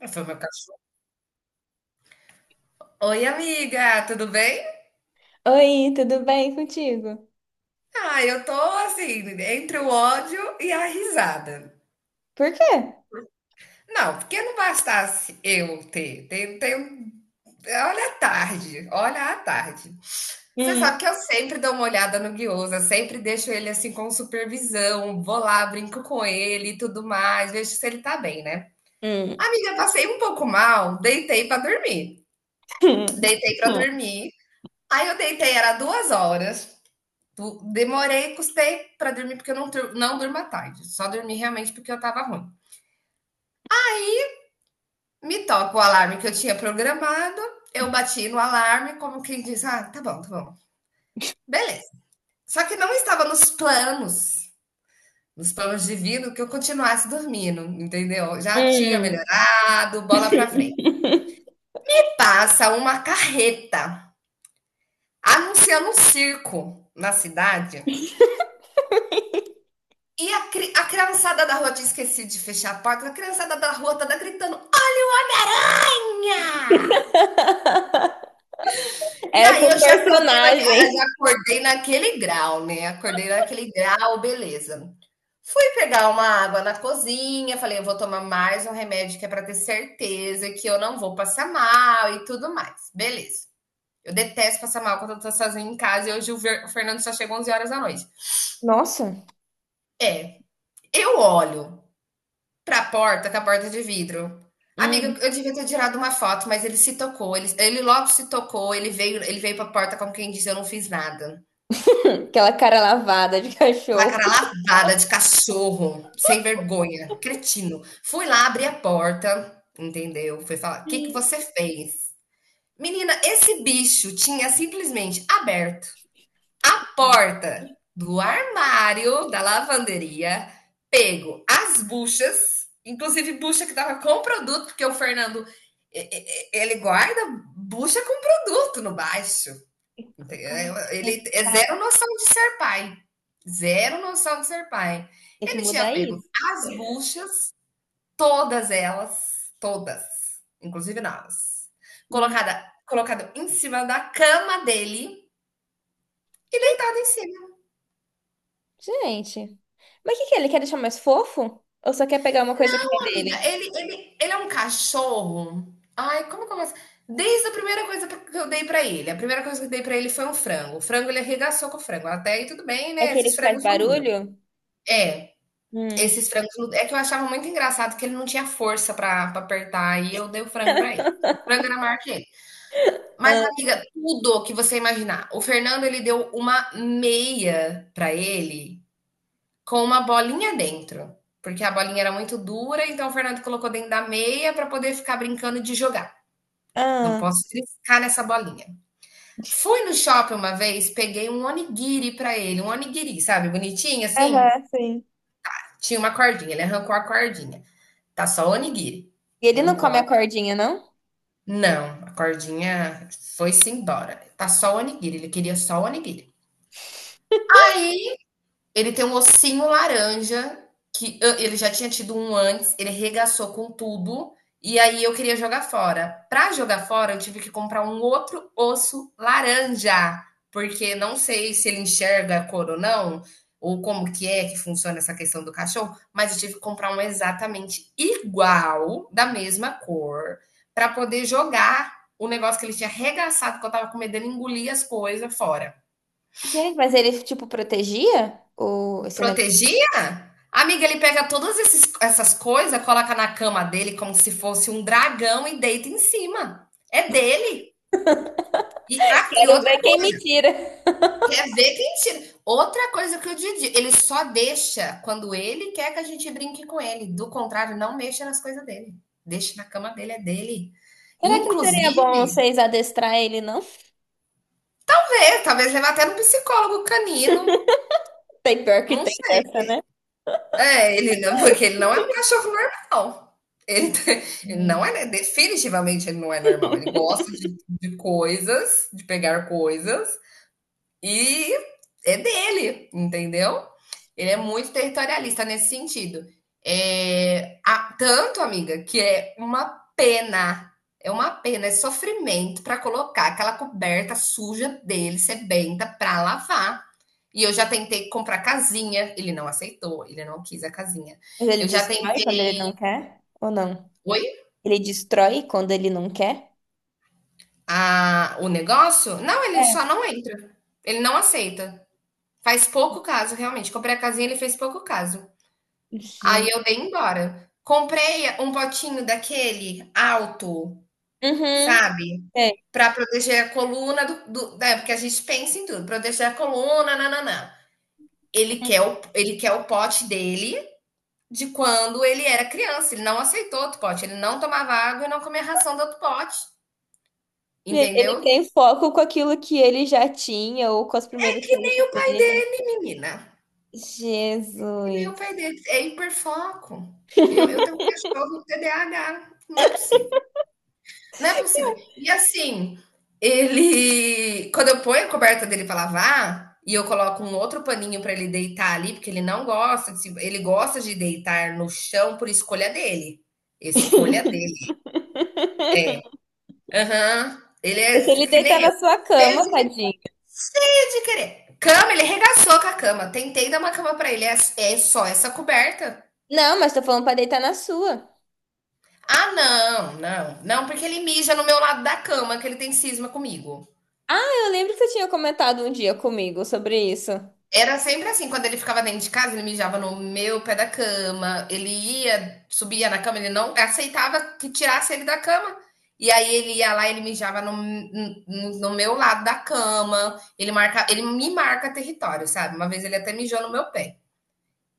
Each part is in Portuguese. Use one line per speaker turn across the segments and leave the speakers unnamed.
Ah, foi meu cachorro. Oi, amiga, tudo bem?
Oi, tudo bem contigo?
Ah, eu tô assim, entre o ódio e a risada.
Por quê?
Não, porque não bastasse eu ter, olha a tarde, olha a tarde. Você sabe
Hum,
que eu sempre dou uma olhada no Guiosa, sempre deixo ele assim com supervisão, vou lá, brinco com ele e tudo mais, vejo se ele tá bem, né?
hum,
Amiga, passei um pouco mal, deitei pra dormir.
hum,
Deitei pra
hum.
dormir. Aí eu deitei, era 2 horas. Tipo, demorei, custei para dormir porque eu não, não durmo à tarde. Só dormi realmente porque eu estava ruim. Me toca o alarme que eu tinha programado. Eu bati no alarme, como quem diz: ah, tá bom, tá bom. Beleza. Só que não estava nos planos divinos, que eu continuasse dormindo, entendeu? Já tinha
Hum.
melhorado, bola para frente. Passa uma carreta anunciando um circo na cidade. E a, a criançada da rua tinha esquecido de fechar a porta. A criançada da rua tava gritando: e
Era
aí
com
eu já já
personagem.
acordei naquele grau, né? Acordei naquele grau, beleza. Fui pegar uma água na cozinha, falei, eu vou tomar mais um remédio que é para ter certeza que eu não vou passar mal e tudo mais. Beleza. Eu detesto passar mal quando eu tô sozinha em casa e hoje o o Fernando só chegou 11 horas da noite.
Nossa.
É, eu olho pra porta, com a porta de vidro. Amiga,
Hum.
eu devia ter tirado uma foto, mas ele se tocou, ele logo se tocou, ele veio pra porta como quem diz: "Eu não fiz nada".
Aquela cara lavada de cachorro.
Aquela cara lavada de cachorro, sem vergonha, cretino. Fui lá, abri a porta, entendeu, fui falar: o "Que que
Hum.
você fez?". Menina, esse bicho tinha simplesmente aberto porta do armário da lavanderia, pego as buchas, inclusive bucha que tava com produto, porque o Fernando ele guarda bucha com produto no baixo.
Como que
Ele é zero
tá?
noção de ser pai. Zero noção de ser pai.
Tem que
Ele tinha
mudar
pego
isso.
as buchas, todas elas, todas, inclusive nós,
Hum.
colocado em cima da cama dele, deitado em cima.
Gente, mas o que que é? Ele quer deixar mais fofo? Ou só quer pegar uma coisa que é
Amiga,
dele?
ele é um cachorro. Ai, como que eu posso? Desde a primeira coisa que eu dei pra ele, a primeira coisa que eu dei pra ele foi um frango. O frango ele arregaçou com o frango. Até aí tudo bem,
É
né?
aquele
Esses
que faz
frangos não duram.
barulho?
É,
Hum.
esses frangos não- é que eu achava muito engraçado que ele não tinha força pra apertar e eu dei o frango pra ele. O frango era maior que ele. Mas
Ah,
amiga, tudo que você imaginar. O Fernando ele deu uma meia pra ele com uma bolinha dentro, porque a bolinha era muito dura, então o Fernando colocou dentro da meia para poder ficar brincando de jogar. Não
ah.
posso triscar nessa bolinha. Fui no shopping uma vez, peguei um onigiri para ele, um onigiri, sabe, bonitinho assim.
Aham, sim.
Tinha uma cordinha, ele arrancou a cordinha. Tá só onigiri.
E ele não
Não
come a
pode.
cordinha, não?
Não, a cordinha foi-se embora. Tá só o onigiri, ele queria só o onigiri. Aí ele tem um ossinho laranja, que ah, ele já tinha tido um antes, ele regaçou com tudo, e aí eu queria jogar fora. Para jogar fora, eu tive que comprar um outro osso laranja, porque não sei se ele enxerga a cor ou não, ou como que é que funciona essa questão do cachorro, mas eu tive que comprar um exatamente igual, da mesma cor, para poder jogar o negócio que ele tinha arregaçado, que eu tava com medo dele engolir as coisas fora.
Gente, mas ele, tipo, protegia o esse negócio?
Protegia? Amiga, ele pega essas coisas, coloca na cama dele como se fosse um dragão e deita em cima. É dele. E, ah, e
Quero
outra,
ver quem me tira.
quer ver quem tira. Outra coisa que o Didi, ele só deixa quando ele quer que a gente brinque com ele. Do contrário, não mexa nas coisas dele. Deixa na cama dele, é dele.
Será que não seria bom
Inclusive,
vocês adestrar ele, não?
vamos ver, talvez levar até no psicólogo canino.
Tem pior que
Não,
tem dessa, né?
é, ele não, porque ele não é um cachorro normal. Ele, ele
Hum.
não é, definitivamente ele não é normal. Ele gosta de, coisas, de pegar coisas, e é dele, entendeu? Ele é muito territorialista nesse sentido. É, tanto, amiga, que é pena, é uma pena, é sofrimento para colocar aquela coberta suja dele, sebenta, para lavar. E eu já tentei comprar casinha, ele não aceitou, ele não quis a casinha.
Mas ele
Eu já
destrói quando
tentei.
ele não quer? Ou não?
Oi?
Ele destrói quando ele não quer?
A o negócio? Não, ele só
É.
não entra. Ele não aceita. Faz pouco caso, realmente. Comprei a casinha, ele fez pouco caso. Aí
Gente.
eu dei embora. Comprei um potinho daquele alto,
Uhum.
sabe?
É.
Para proteger a coluna do, né? Porque a gente pensa em tudo, proteger a coluna, nananã. Ele quer ele quer o pote dele de quando ele era criança. Ele não aceitou outro pote, ele não tomava água e não comia ração do outro pote,
Gente, ele
entendeu?
tem foco com aquilo que ele já tinha ou com as primeiras
E
coisas
nem o pai
dele.
dele, menina. E nem o
Jesus.
pai dele. É hiperfoco. Eu tenho um cachorro TDAH. Não é possível. Não é possível. E assim, ele. Quando eu ponho a coberta dele para lavar. E eu coloco um outro paninho para ele deitar ali, porque ele não gosta. De ele gosta de deitar no chão por escolha dele. Escolha dele. Aham. Ele é
Mas se ele
que
deitar
nem eu.
na sua
Cheio
cama,
de,
tadinho.
cheio de querer. Cama, ele regaçou com a cama. Tentei dar uma cama pra ele. É, é só essa coberta.
Não, mas tô falando pra deitar na sua.
Ah, não, não, não, porque ele mija no meu lado da cama, que ele tem cisma comigo.
Eu lembro que você tinha comentado um dia comigo sobre isso.
Era sempre assim, quando ele ficava dentro de casa, ele mijava no meu pé da cama, ele ia, subia na cama, ele não aceitava que tirasse ele da cama. E aí ele ia lá, ele mijava no meu lado da cama, ele marca, ele me marca território, sabe? Uma vez ele até mijou no meu pé.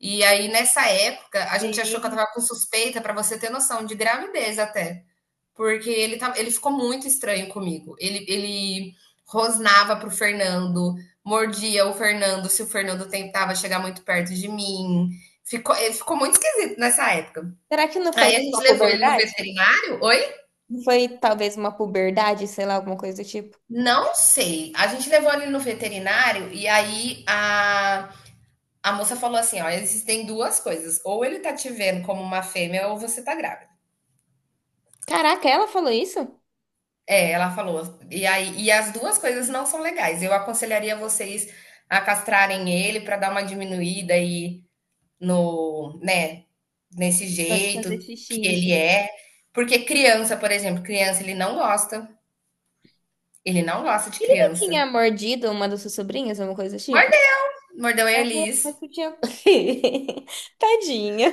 E aí nessa época, a gente achou que eu
Sim.
tava com suspeita, pra você ter noção, de gravidez até. Porque ele, tá, ele ficou muito estranho comigo. Ele rosnava pro Fernando, mordia o Fernando se o Fernando tentava chegar muito perto de mim. Ele ficou muito esquisito nessa época.
Será que não foi,
Aí a
Foi
gente
sua
levou ele no
puberdade?
veterinário. Oi?
Não foi talvez uma puberdade, sei lá, alguma coisa do tipo?
Não sei. A gente levou ele no veterinário e a moça falou assim: ó, existem duas coisas. Ou ele tá te vendo como uma fêmea, ou você tá grávida.
Caraca, ela falou isso?
É, ela falou. E aí, e as duas coisas
Sim.
não são legais. Eu aconselharia vocês a castrarem ele para dar uma diminuída aí no, né, nesse
Pode fazer
jeito
xixi,
que ele
enfim.
é. Porque criança, por exemplo, criança ele não gosta. Ele não gosta de
Ele não
criança.
tinha mordido uma das suas sobrinhas, alguma coisa do tipo?
Mordeu, mordeu a
É,
Elis.
mas tu tinha. Tadinha.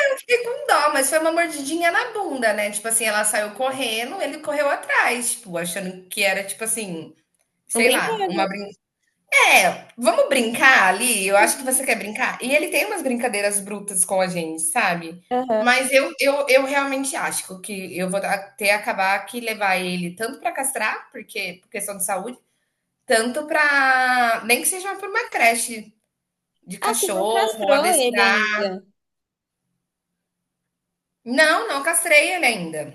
Eu fiquei com dó, mas foi uma mordidinha na bunda, né? Tipo assim, ela saiu correndo, ele correu atrás, tipo, achando que era, tipo assim,
Um
sei lá, uma
brinquedo.
brin é, vamos brincar ali? Eu acho que você quer brincar. E ele tem umas brincadeiras brutas com a gente, sabe?
Aham.
Mas eu realmente acho que eu vou até acabar que levar ele tanto para castrar, porque por questão de saúde, tanto para nem que seja para uma creche de
Ah, tu não
cachorro,
castrou ele
adestrar.
ainda.
Não, não castrei ele ainda.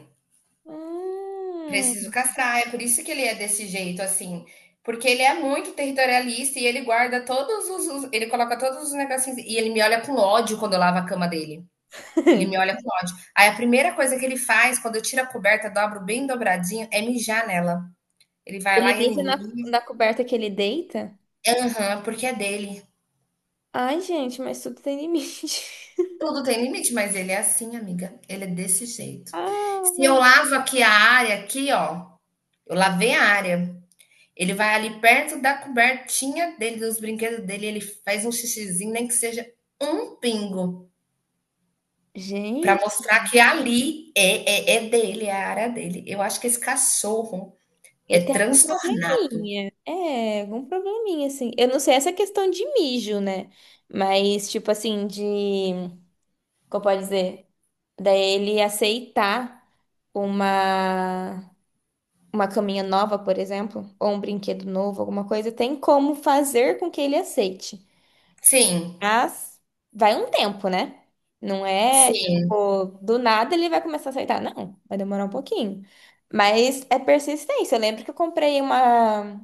Preciso
Hum.
castrar, é por isso que ele é desse jeito, assim. Porque ele é muito territorialista e ele guarda ele coloca todos os negocinhos. E ele me olha com ódio quando eu lavo a cama dele. Ele me olha com ódio. Aí a primeira coisa que ele faz, quando eu tiro a coberta, dobro bem dobradinho, é mijar nela. Ele vai
Ele
lá e ele
mija na,
mija.
na coberta que ele deita?
Aham, porque é dele.
Ai, gente, mas tudo tem limite.
Tudo tem limite, mas ele é assim, amiga. Ele é desse jeito. Se
Ah,
eu lavo aqui a área, aqui, ó. Eu lavei a área. Ele vai ali perto da cobertinha dele, dos brinquedos dele, ele faz um xixizinho, nem que seja um pingo, para
gente,
mostrar que ali é dele, é a área dele. Eu acho que esse cachorro
ele
é
tem algum
transtornado.
probleminha. É, algum probleminha, assim. Eu não sei essa questão de mijo, né? Mas, tipo assim, de. Como pode dizer? Daí ele aceitar uma. Uma caminha nova, por exemplo, ou um brinquedo novo, alguma coisa, tem como fazer com que ele aceite.
Sim,
Mas vai um tempo, né? Não é,
sim,
tipo, do nada ele vai começar a aceitar. Não, vai demorar um pouquinho. Mas é persistência. Eu lembro que eu comprei uma,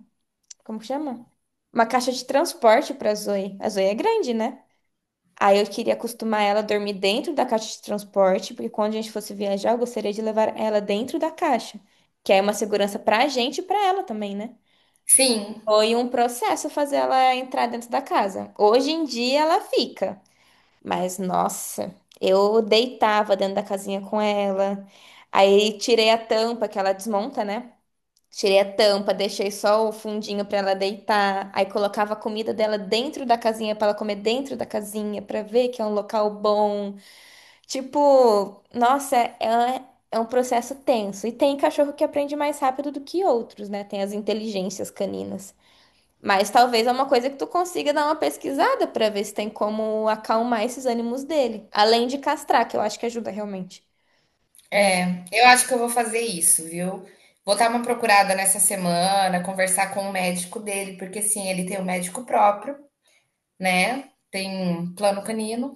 como que chama? Uma caixa de transporte pra Zoe. A Zoe é grande, né? Aí eu queria acostumar ela a dormir dentro da caixa de transporte, porque quando a gente fosse viajar, eu gostaria de levar ela dentro da caixa, que é uma segurança pra gente e pra ela também, né?
sim.
Foi um processo fazer ela entrar dentro da casa. Hoje em dia ela fica. Mas nossa, eu deitava dentro da casinha com ela. Aí tirei a tampa que ela desmonta, né? Tirei a tampa, deixei só o fundinho pra ela deitar. Aí colocava a comida dela dentro da casinha pra ela comer dentro da casinha, pra ver que é um local bom. Tipo, nossa, é um processo tenso. E tem cachorro que aprende mais rápido do que outros, né? Tem as inteligências caninas. Mas talvez é uma coisa que tu consiga dar uma pesquisada pra ver se tem como acalmar esses ânimos dele. Além de castrar, que eu acho que ajuda realmente, né?
É, eu acho que eu vou fazer isso, viu? Vou dar uma procurada nessa semana, conversar com o médico dele, porque sim, ele tem um médico próprio, né? Tem um plano canino.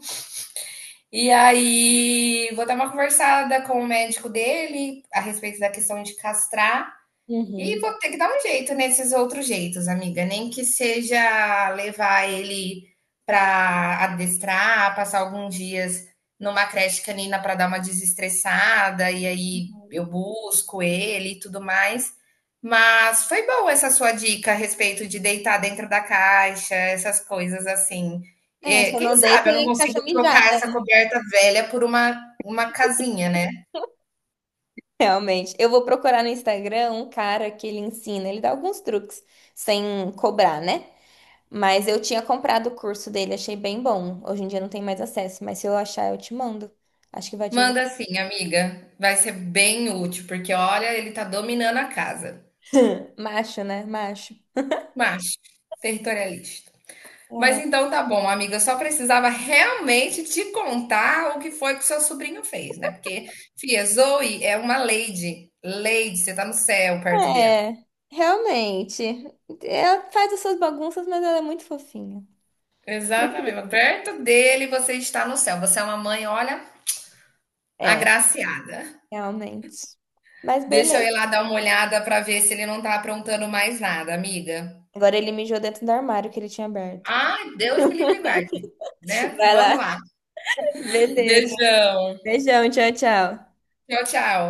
E aí, vou dar uma conversada com o médico dele a respeito da questão de castrar. E
Uhum.
vou ter que dar um jeito nesses outros jeitos, amiga. Nem que seja levar ele para adestrar, passar alguns dias numa creche canina para dar uma desestressada, e aí eu busco ele e tudo mais. Mas foi boa essa sua dica a respeito de deitar dentro da caixa, essas coisas assim.
É,
É,
só
quem
não deita
sabe eu não
em caixa
consigo
mijada.
trocar essa coberta velha por uma casinha, né?
Realmente. Eu vou procurar no Instagram um cara que ele ensina, ele dá alguns truques sem cobrar, né? Mas eu tinha comprado o curso dele, achei bem bom. Hoje em dia não tem mais acesso, mas se eu achar, eu te mando. Acho que vai te ajudar.
Manda sim, amiga. Vai ser bem útil, porque olha, ele tá dominando a casa.
Macho, né? Macho.
Macho, territorialista. Mas então tá bom, amiga. Eu só precisava realmente te contar o que foi que o seu sobrinho fez, né? Porque, filha, Zoe é uma lady. Lady, você tá no céu perto dela.
É, realmente. Ela faz as suas bagunças, mas ela é muito fofinha.
Exatamente. Perto dele você está no céu. Você é uma mãe, olha,
É,
agraciada.
realmente. Mas
Deixa eu ir
beleza.
lá dar uma olhada pra ver se ele não tá aprontando mais nada, amiga.
Agora ele mijou dentro do armário que ele tinha aberto.
Ah, Deus me livre e guarde, né?
Vai
Vamos
lá.
lá.
Beleza.
Beijão.
Beijão, tchau, tchau.
Tchau, tchau.